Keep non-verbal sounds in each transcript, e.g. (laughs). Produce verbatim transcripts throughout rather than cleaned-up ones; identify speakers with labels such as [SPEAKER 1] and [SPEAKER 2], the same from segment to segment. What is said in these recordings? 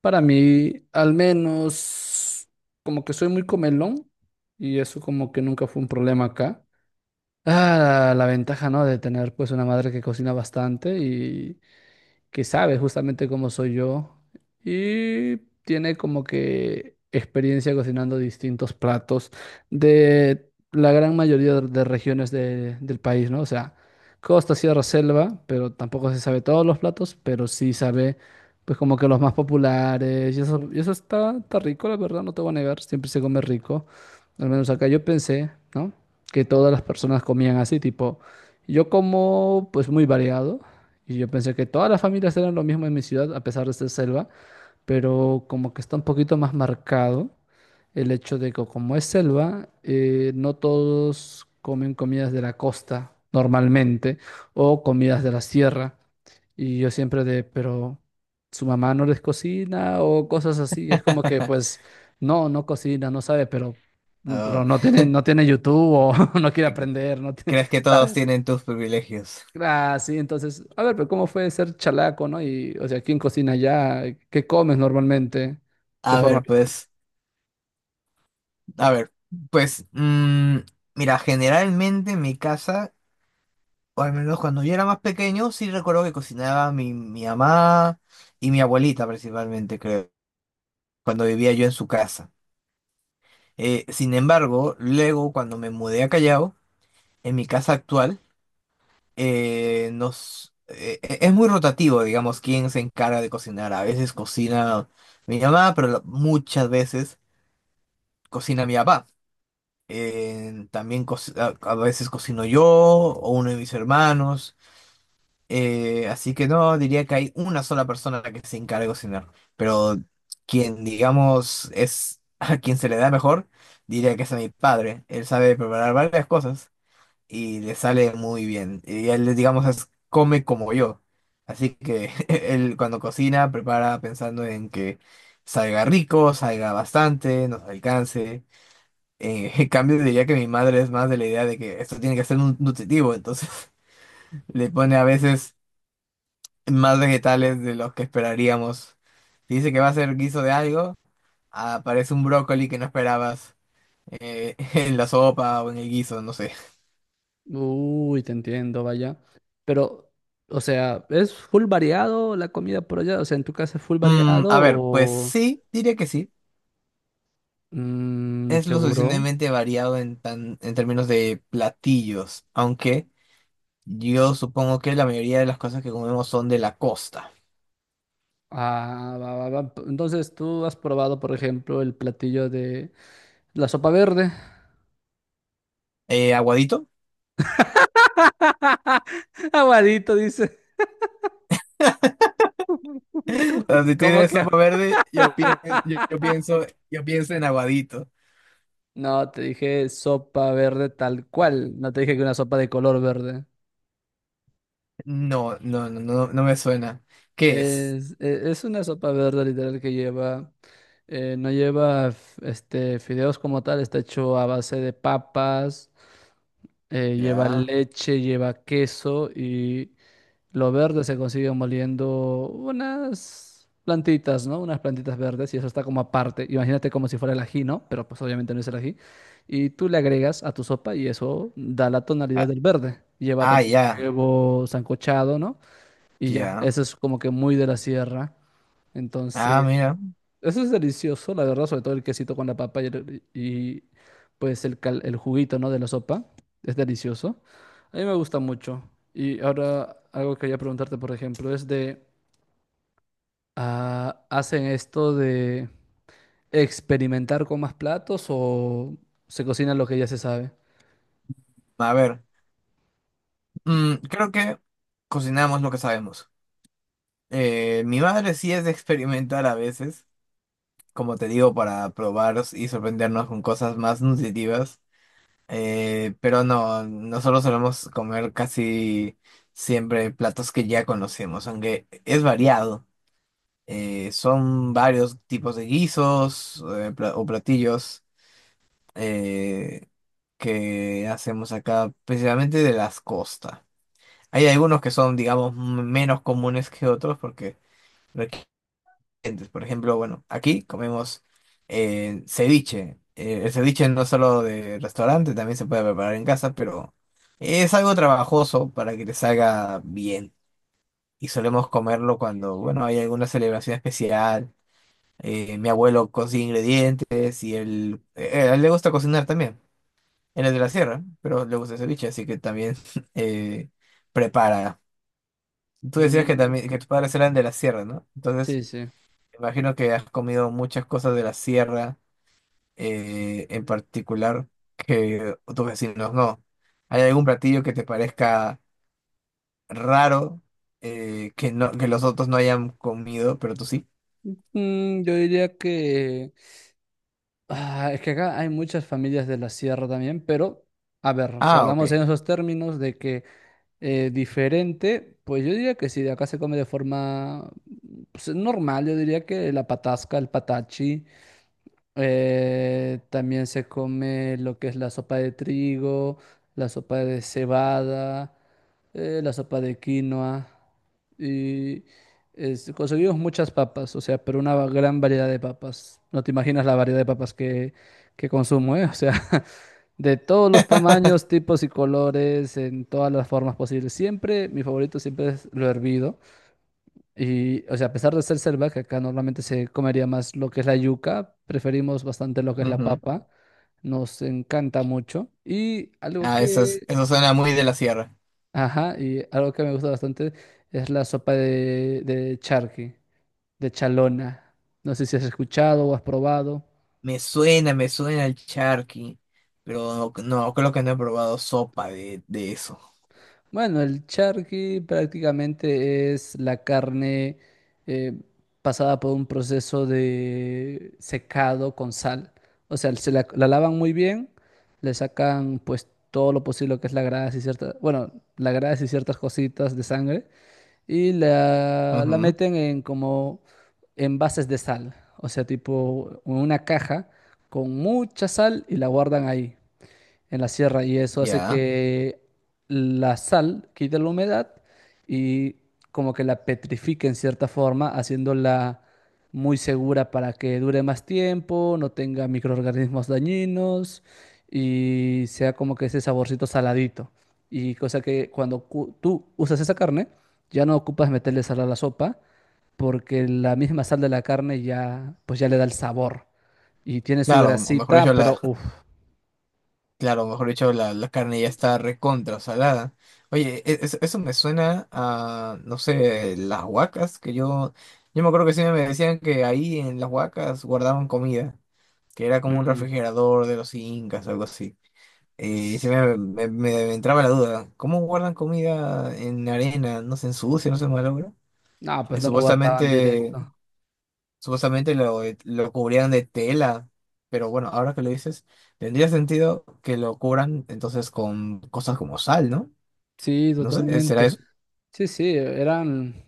[SPEAKER 1] Para mí, al menos, como que soy muy comelón y eso como que nunca fue un problema acá. Ah, la ventaja, ¿no? De tener pues una madre que cocina bastante y que sabe justamente cómo soy yo y tiene como que experiencia cocinando distintos platos de la gran mayoría de de regiones de- del país, ¿no? O sea, costa, sierra, selva, pero tampoco se sabe todos los platos, pero sí sabe pues como que los más populares y eso, y eso está, está rico, la verdad, no te voy a negar, siempre se come rico, al menos acá yo pensé, ¿no? Que todas las personas comían así, tipo, yo como pues muy variado, y yo pensé que todas las familias eran lo mismo en mi ciudad, a pesar de ser selva, pero como que está un poquito más marcado el hecho de que como es selva, eh, no todos comen comidas de la costa normalmente o comidas de la sierra. Y yo siempre de, pero su mamá no les cocina o cosas así. Es como que pues no, no cocina, no sabe, pero, pero
[SPEAKER 2] Oh,
[SPEAKER 1] no tiene,
[SPEAKER 2] (laughs)
[SPEAKER 1] no tiene YouTube o (laughs) no quiere
[SPEAKER 2] ¿cre-
[SPEAKER 1] aprender, no tiene-
[SPEAKER 2] ¿Crees que todos
[SPEAKER 1] ¿sabes?
[SPEAKER 2] tienen tus privilegios?
[SPEAKER 1] Ah, sí, entonces, a ver, pero ¿cómo fue ser chalaco, no? Y, o sea, ¿quién cocina allá? ¿Qué comes normalmente? De
[SPEAKER 2] A
[SPEAKER 1] forma...
[SPEAKER 2] ver, pues, a ver, pues, mm, mira, generalmente en mi casa, o al menos cuando yo era más pequeño, sí recuerdo que cocinaba mi, mi mamá y mi abuelita principalmente, creo, cuando vivía yo en su casa. Eh, sin embargo, luego cuando me mudé a Callao, en mi casa actual, eh, nos, eh, eh, es muy rotativo, digamos, quién se encarga de cocinar. A veces cocina mi mamá, pero la- muchas veces cocina mi papá. Eh, también co- a a veces cocino yo o uno de mis hermanos. Eh, así que no, diría que hay una sola persona a la que se encarga de cocinar. Pero quien, digamos, es (laughs) a quien se le da mejor, diría que es a mi padre. Él sabe preparar varias cosas y le sale muy bien. Y él, digamos, es- come como yo. Así que (laughs) él cuando cocina, prepara pensando en que salga rico, salga bastante, nos alcance. Eh, (laughs) En cambio, diría que mi madre es más de la idea de que esto tiene que ser nu- nutritivo, entonces (laughs) le pone a veces más vegetales de los que esperaríamos. Si dice que va a ser guiso de algo, aparece un brócoli que no esperabas eh, (laughs) en la sopa o en el guiso, no sé.
[SPEAKER 1] Uy, te entiendo, vaya. Pero, o sea, ¿es full variado la comida por allá? O sea, ¿en tu casa es full
[SPEAKER 2] Mm,
[SPEAKER 1] variado
[SPEAKER 2] a ver, pues
[SPEAKER 1] o...
[SPEAKER 2] sí, diría que sí.
[SPEAKER 1] mm,
[SPEAKER 2] Es lo
[SPEAKER 1] seguro.
[SPEAKER 2] suficientemente variado en, tan, en términos de platillos, aunque yo supongo que la mayoría de las cosas que comemos son de la costa.
[SPEAKER 1] Ah, va, va, va. Entonces, ¿tú has probado, por ejemplo, el platillo de la sopa verde?
[SPEAKER 2] Eh, aguadito.
[SPEAKER 1] (laughs) Aguadito, dice. (laughs) ¿Cómo
[SPEAKER 2] (laughs) Si
[SPEAKER 1] cómo
[SPEAKER 2] tienes
[SPEAKER 1] que?
[SPEAKER 2] sopa verde, yo pienso, yo, yo
[SPEAKER 1] (laughs)
[SPEAKER 2] pienso, yo pienso en aguadito.
[SPEAKER 1] No, te dije sopa verde tal cual. No te dije que una sopa de color verde.
[SPEAKER 2] No, no, no, no, no me suena. ¿Qué es?
[SPEAKER 1] Es, e- es una sopa verde literal que lleva, eh, no lleva f- este, fideos como tal, está hecho a base de papas, eh, lleva
[SPEAKER 2] Ya.
[SPEAKER 1] leche, lleva queso. Lo verde se consigue moliendo unas plantitas, ¿no? Unas plantitas verdes y eso está como aparte. Imagínate como si fuera el ají, ¿no? Pero pues obviamente no es el ají. Y tú le agregas a tu sopa y eso da la tonalidad
[SPEAKER 2] Ah,
[SPEAKER 1] del verde. Lleva
[SPEAKER 2] ah,
[SPEAKER 1] también
[SPEAKER 2] ya,
[SPEAKER 1] huevo sancochado, ¿no? Y ya,
[SPEAKER 2] ya.
[SPEAKER 1] eso es como que muy de la sierra.
[SPEAKER 2] Ah,
[SPEAKER 1] Entonces,
[SPEAKER 2] mira.
[SPEAKER 1] eso es delicioso, la verdad, sobre todo el quesito con la papa y, el- y, pues el, cal- el juguito, ¿no? de la sopa. Es delicioso. A mí me gusta mucho. Y ahora algo que quería preguntarte, por ejemplo, es de, ah, ¿hacen esto de experimentar con más platos o se cocina lo que ya se sabe?
[SPEAKER 2] A ver. Mm, creo que cocinamos lo que sabemos. Eh, mi madre sí es de experimentar a veces. Como te digo, para probar y sorprendernos con cosas más nutritivas. Eh, pero no, nosotros solemos comer casi siempre platos que ya conocemos, aunque es variado. Eh, son varios tipos de guisos eh, pla- o platillos eh, que hacemos acá, principalmente de las costas. Hay algunos que son, digamos, m- menos comunes que otros porque requieren. Entonces, por ejemplo, bueno, aquí comemos eh, ceviche. Eh, el ceviche no es solo de restaurante, también se puede preparar en casa, pero es algo trabajoso para que te salga bien. Y solemos comerlo cuando, bueno, hay alguna celebración especial. Eh, mi abuelo cocina ingredientes y él, eh, a él le gusta cocinar también. Él es de la sierra, pero le gusta el ceviche, así que también (laughs) eh, prepara. Tú decías que
[SPEAKER 1] Mm,
[SPEAKER 2] también que tus padres eran de la sierra, ¿no? Entonces,
[SPEAKER 1] sí, sí.
[SPEAKER 2] imagino que has comido muchas cosas de la sierra, eh, en particular, que tus vecinos no. ¿Hay algún platillo que te parezca raro, eh, que no, que los otros no hayan comido, pero tú sí?
[SPEAKER 1] Mm, yo diría que... ah, es que acá hay muchas familias de la sierra también, pero, a ver, si
[SPEAKER 2] Ah,
[SPEAKER 1] hablamos
[SPEAKER 2] ok.
[SPEAKER 1] en esos términos de que... Eh, diferente, pues yo diría que sí, de acá se come de forma pues, normal, yo diría que la patasca, el patachi, eh, también se come lo que es la sopa de trigo, la sopa de cebada, eh, la sopa de quinoa y es- conseguimos muchas papas, o sea, pero una gran variedad de papas. No te imaginas la variedad de papas que, que consumo, ¿eh? O sea, (laughs) de todos los tamaños,
[SPEAKER 2] (laughs)
[SPEAKER 1] tipos y colores, en todas las formas posibles. Siempre, mi favorito siempre es lo hervido. Y, o sea, a pesar de ser selva, que acá normalmente se comería más lo que es la yuca, preferimos bastante lo que es la
[SPEAKER 2] Ujú.
[SPEAKER 1] papa. Nos encanta mucho. Y algo
[SPEAKER 2] Ah, eso es,
[SPEAKER 1] que,
[SPEAKER 2] eso suena muy de la sierra.
[SPEAKER 1] ajá, y algo que me gusta bastante es la sopa de, de charqui, de chalona. No sé si has escuchado o has probado.
[SPEAKER 2] Me suena, me suena el charqui, pero no, no, creo que no he probado sopa de, de eso.
[SPEAKER 1] Bueno, el charqui prácticamente es la carne eh, pasada por un proceso de secado con sal. O sea, se la, la lavan muy bien, le sacan pues todo lo posible que es la grasa y ciertas, bueno, la grasa y ciertas cositas de sangre y la, la
[SPEAKER 2] Ujú.
[SPEAKER 1] meten en como envases de sal. O sea, tipo una caja con mucha sal y la guardan ahí en la sierra y eso hace
[SPEAKER 2] Ya.
[SPEAKER 1] que la sal quite la humedad y como que la petrifique en cierta forma, haciéndola muy segura para que dure más tiempo, no tenga microorganismos dañinos y sea como que ese saborcito saladito. Y cosa que cuando cu- tú usas esa carne, ya no ocupas meterle sal a la sopa porque la misma sal de la carne ya pues ya le da el sabor y tiene su
[SPEAKER 2] Claro, o mejor dicho,
[SPEAKER 1] grasita,
[SPEAKER 2] la
[SPEAKER 1] pero uff.
[SPEAKER 2] Claro, mejor dicho, la, la carne ya está recontra salada. Oye, e- es- eso me suena a, no sé, las huacas, que yo, yo me acuerdo que siempre me decían que ahí en las huacas guardaban comida, que era como un refrigerador de los incas, algo así. Y se me, me- me entraba la duda, ¿cómo guardan comida en arena? ¿No se ensucia, no se malogra?
[SPEAKER 1] No,
[SPEAKER 2] Eh,
[SPEAKER 1] pues no lo guardaban
[SPEAKER 2] supuestamente
[SPEAKER 1] directo.
[SPEAKER 2] Supuestamente lo, eh, lo cubrían de tela, pero bueno, ahora que lo dices, tendría sentido que lo cubran entonces con cosas como sal, ¿no?
[SPEAKER 1] Sí,
[SPEAKER 2] No sé, eh, ¿será
[SPEAKER 1] totalmente.
[SPEAKER 2] eso?
[SPEAKER 1] Sí, sí, eran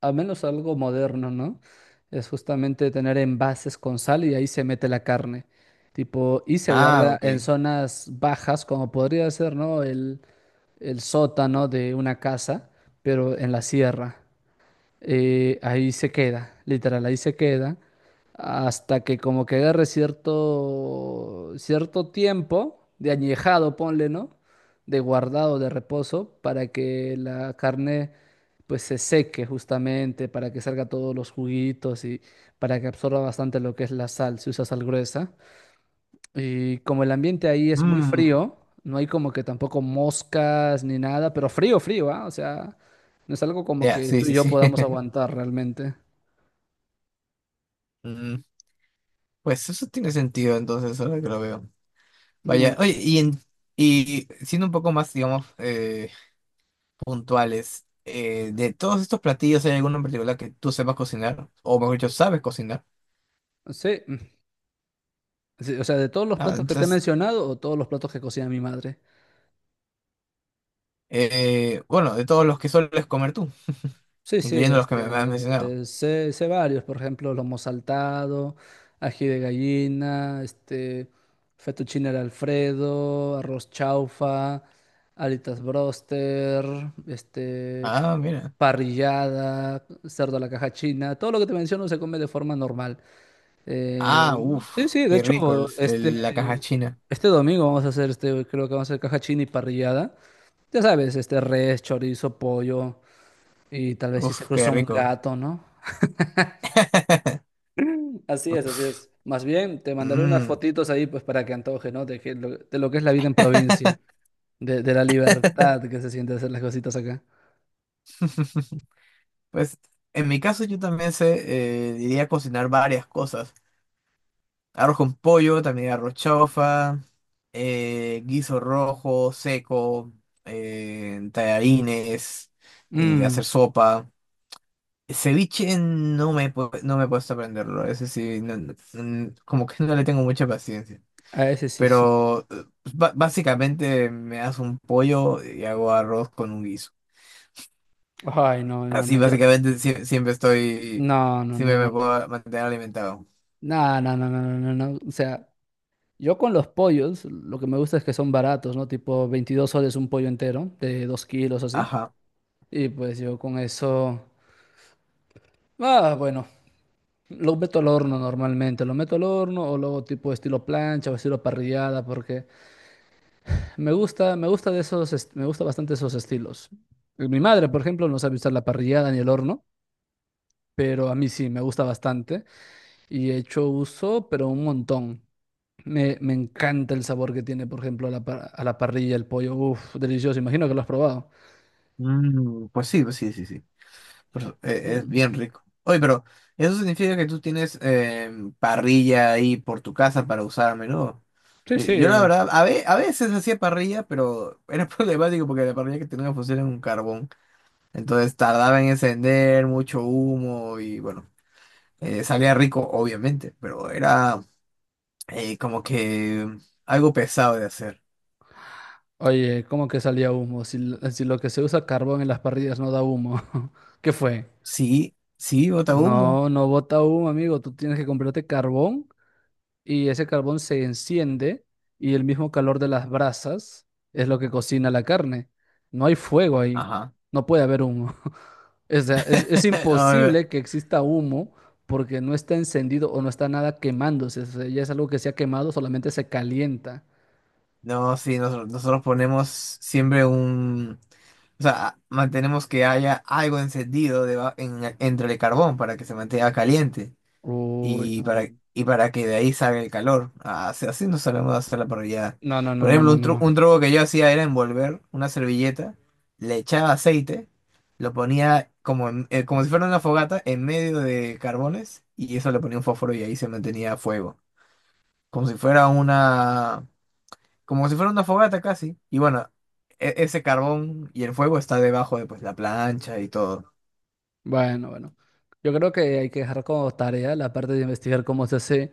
[SPEAKER 1] al menos algo moderno, ¿no? Es justamente tener envases con sal y ahí se mete la carne. Tipo, y se
[SPEAKER 2] Ah,
[SPEAKER 1] guarda en
[SPEAKER 2] ok.
[SPEAKER 1] zonas bajas, como podría ser, ¿no? El, el sótano de una casa, pero en la sierra. Eh, ahí se queda, literal, ahí se queda, hasta que como que agarre cierto, cierto tiempo de añejado, ponle, ¿no? De guardado, de reposo, para que la carne pues se seque justamente, para que salga todos los juguitos y para que absorba bastante lo que es la sal, si usa sal gruesa. Y como el ambiente ahí es muy
[SPEAKER 2] Mm,
[SPEAKER 1] frío, no hay como que tampoco moscas ni nada, pero frío, frío, ¿ah? O sea, no es algo como
[SPEAKER 2] ya,
[SPEAKER 1] que
[SPEAKER 2] sí,
[SPEAKER 1] tú y
[SPEAKER 2] sí,
[SPEAKER 1] yo
[SPEAKER 2] sí.
[SPEAKER 1] podamos
[SPEAKER 2] (laughs)
[SPEAKER 1] aguantar realmente.
[SPEAKER 2] Mm, pues eso tiene sentido entonces, ahora que lo veo.
[SPEAKER 1] Mm,
[SPEAKER 2] Vaya, oye, y, en- y siendo un poco más, digamos, eh, puntuales, eh, de todos estos platillos, ¿hay alguno en particular que tú sepas cocinar? O mejor dicho, sabes cocinar.
[SPEAKER 1] sí, mm, sí, o sea, de todos los
[SPEAKER 2] Ah,
[SPEAKER 1] platos que te he
[SPEAKER 2] entonces,
[SPEAKER 1] mencionado o todos los platos que cocina mi madre.
[SPEAKER 2] eh, bueno, de todos los que sueles comer tú.
[SPEAKER 1] Sí, sí,
[SPEAKER 2] Incluyendo los que me has mencionado.
[SPEAKER 1] este, sé, sé varios, por ejemplo, lomo saltado, ají de gallina, este, fettuccine al Alfredo, arroz chaufa, alitas broster, este,
[SPEAKER 2] Ah, mira.
[SPEAKER 1] parrillada, cerdo a la caja china, todo lo que te menciono se come de forma normal. Eh,
[SPEAKER 2] Ah,
[SPEAKER 1] sí,
[SPEAKER 2] uff,
[SPEAKER 1] sí, de
[SPEAKER 2] qué
[SPEAKER 1] hecho,
[SPEAKER 2] rico el- el- la caja
[SPEAKER 1] este,
[SPEAKER 2] china.
[SPEAKER 1] este domingo vamos a hacer, este, creo que vamos a hacer caja china y parrillada. Ya sabes, este, res, chorizo, pollo. Y tal vez si se
[SPEAKER 2] Uff,
[SPEAKER 1] cruza
[SPEAKER 2] qué
[SPEAKER 1] un
[SPEAKER 2] rico.
[SPEAKER 1] gato, ¿no?
[SPEAKER 2] (laughs)
[SPEAKER 1] Así es, así es. Más bien, te mandaré unas
[SPEAKER 2] Mm.
[SPEAKER 1] fotitos ahí pues para que antoje, ¿no? De, que lo, de lo que es la vida en provincia,
[SPEAKER 2] (laughs)
[SPEAKER 1] de, de la libertad que se siente hacer las cositas acá.
[SPEAKER 2] Pues en mi caso yo también sé, eh, diría cocinar varias cosas. Arroz con pollo, también arroz chaufa, eh, guiso rojo, seco, eh, tallarines, eh, hacer
[SPEAKER 1] Mm,
[SPEAKER 2] sopa. Ceviche no me, he pu- no me he puesto a aprenderlo, ese sí, no- no- mm, como que no le tengo mucha paciencia.
[SPEAKER 1] a ese sí, sí, soy.
[SPEAKER 2] Pero eh, pues, ba- básicamente me hago un pollo y hago arroz con un guiso.
[SPEAKER 1] Ay, no, no,
[SPEAKER 2] Así
[SPEAKER 1] no, yo.
[SPEAKER 2] básicamente sie- siempre estoy,
[SPEAKER 1] No, no,
[SPEAKER 2] siempre
[SPEAKER 1] no, no,
[SPEAKER 2] me
[SPEAKER 1] no.
[SPEAKER 2] puedo mantener alimentado.
[SPEAKER 1] No, no, no, no, no, no, no. O sea, yo con los pollos, lo que me gusta es que son baratos, ¿no? Tipo veintidós soles un pollo entero, de dos kilos así.
[SPEAKER 2] Ajá.
[SPEAKER 1] Y pues yo con eso. Ah, bueno. Lo meto al horno normalmente, lo meto al horno o luego tipo estilo plancha o estilo parrillada, porque me gusta, me gusta de esos, est- me gusta bastante esos estilos. Mi madre, por ejemplo, no sabe usar la parrillada ni el horno, pero a mí sí, me gusta bastante y he hecho uso, pero un montón. Me, me encanta el sabor que tiene, por ejemplo, a la, par- a la parrilla, el pollo, uff, delicioso, imagino que lo has probado.
[SPEAKER 2] Mm, pues sí, pues sí, sí, sí. Pero, eh, es
[SPEAKER 1] Mm,
[SPEAKER 2] bien rico. Oye, pero eso significa que tú tienes em, parrilla ahí por tu casa para usar a menudo.
[SPEAKER 1] sí,
[SPEAKER 2] Yo, yo la
[SPEAKER 1] sí.
[SPEAKER 2] verdad, a, ve- a veces hacía parrilla, pero era (laughs) problemático porque la parrilla que tenía funcionaba en un carbón. Entonces tardaba en encender, mucho humo y bueno. Eh, salía rico, obviamente, pero era eh, como que algo pesado de hacer.
[SPEAKER 1] Oye, ¿cómo que salía humo? Si, l- si lo que se usa carbón en las parrillas no da humo, (laughs) ¿qué fue?
[SPEAKER 2] Sí, sí, bota humo.
[SPEAKER 1] No, no bota humo, amigo. Tú tienes que comprarte carbón y ese carbón se enciende y el mismo calor de las brasas es lo que cocina la carne. No hay fuego ahí.
[SPEAKER 2] Ajá.
[SPEAKER 1] No puede haber humo. (laughs) O sea, es, es
[SPEAKER 2] (laughs) A ver,
[SPEAKER 1] imposible que exista humo porque no está encendido o no está nada quemándose. O sea, ya es algo que se ha quemado, solamente se calienta.
[SPEAKER 2] no, sí, nosotros, nosotros ponemos siempre un... O sea, mantenemos que haya algo encendido deba- en- entre el carbón para que se mantenga caliente.
[SPEAKER 1] Uy,
[SPEAKER 2] Y para, y para que de ahí salga el calor. Ah, así, así no sabemos hacer la parrillada.
[SPEAKER 1] no, no, no,
[SPEAKER 2] Por
[SPEAKER 1] no, no,
[SPEAKER 2] ejemplo,
[SPEAKER 1] no,
[SPEAKER 2] un,
[SPEAKER 1] no,
[SPEAKER 2] tru-
[SPEAKER 1] no, no.
[SPEAKER 2] un truco que yo hacía era envolver una servilleta, le echaba aceite, lo ponía como, en- eh, como si fuera una fogata en medio de carbones y eso le ponía un fósforo y ahí se mantenía a fuego. Como si fuera una, como si fuera una fogata casi. Y bueno, e- ese carbón y el fuego está debajo de pues, la plancha y todo.
[SPEAKER 1] Bueno, bueno. Yo creo que hay que dejar como tarea la parte de investigar cómo se hace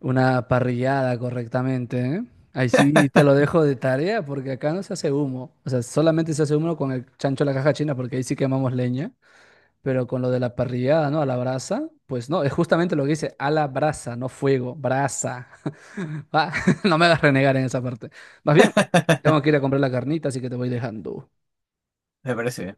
[SPEAKER 1] una parrillada correctamente, ¿eh? Ahí sí te lo dejo de tarea porque acá no se hace humo. O sea, solamente se hace humo con el chancho de la caja china porque ahí sí quemamos leña. Pero con lo de la parrillada, ¿no? A la brasa, pues no, es justamente lo que dice, a la brasa, no fuego, brasa. (laughs) Va, (laughs) no me hagas renegar en esa parte. Más bien, tengo que ir
[SPEAKER 2] (laughs)
[SPEAKER 1] a comprar la carnita, así que te voy dejando.
[SPEAKER 2] Me parece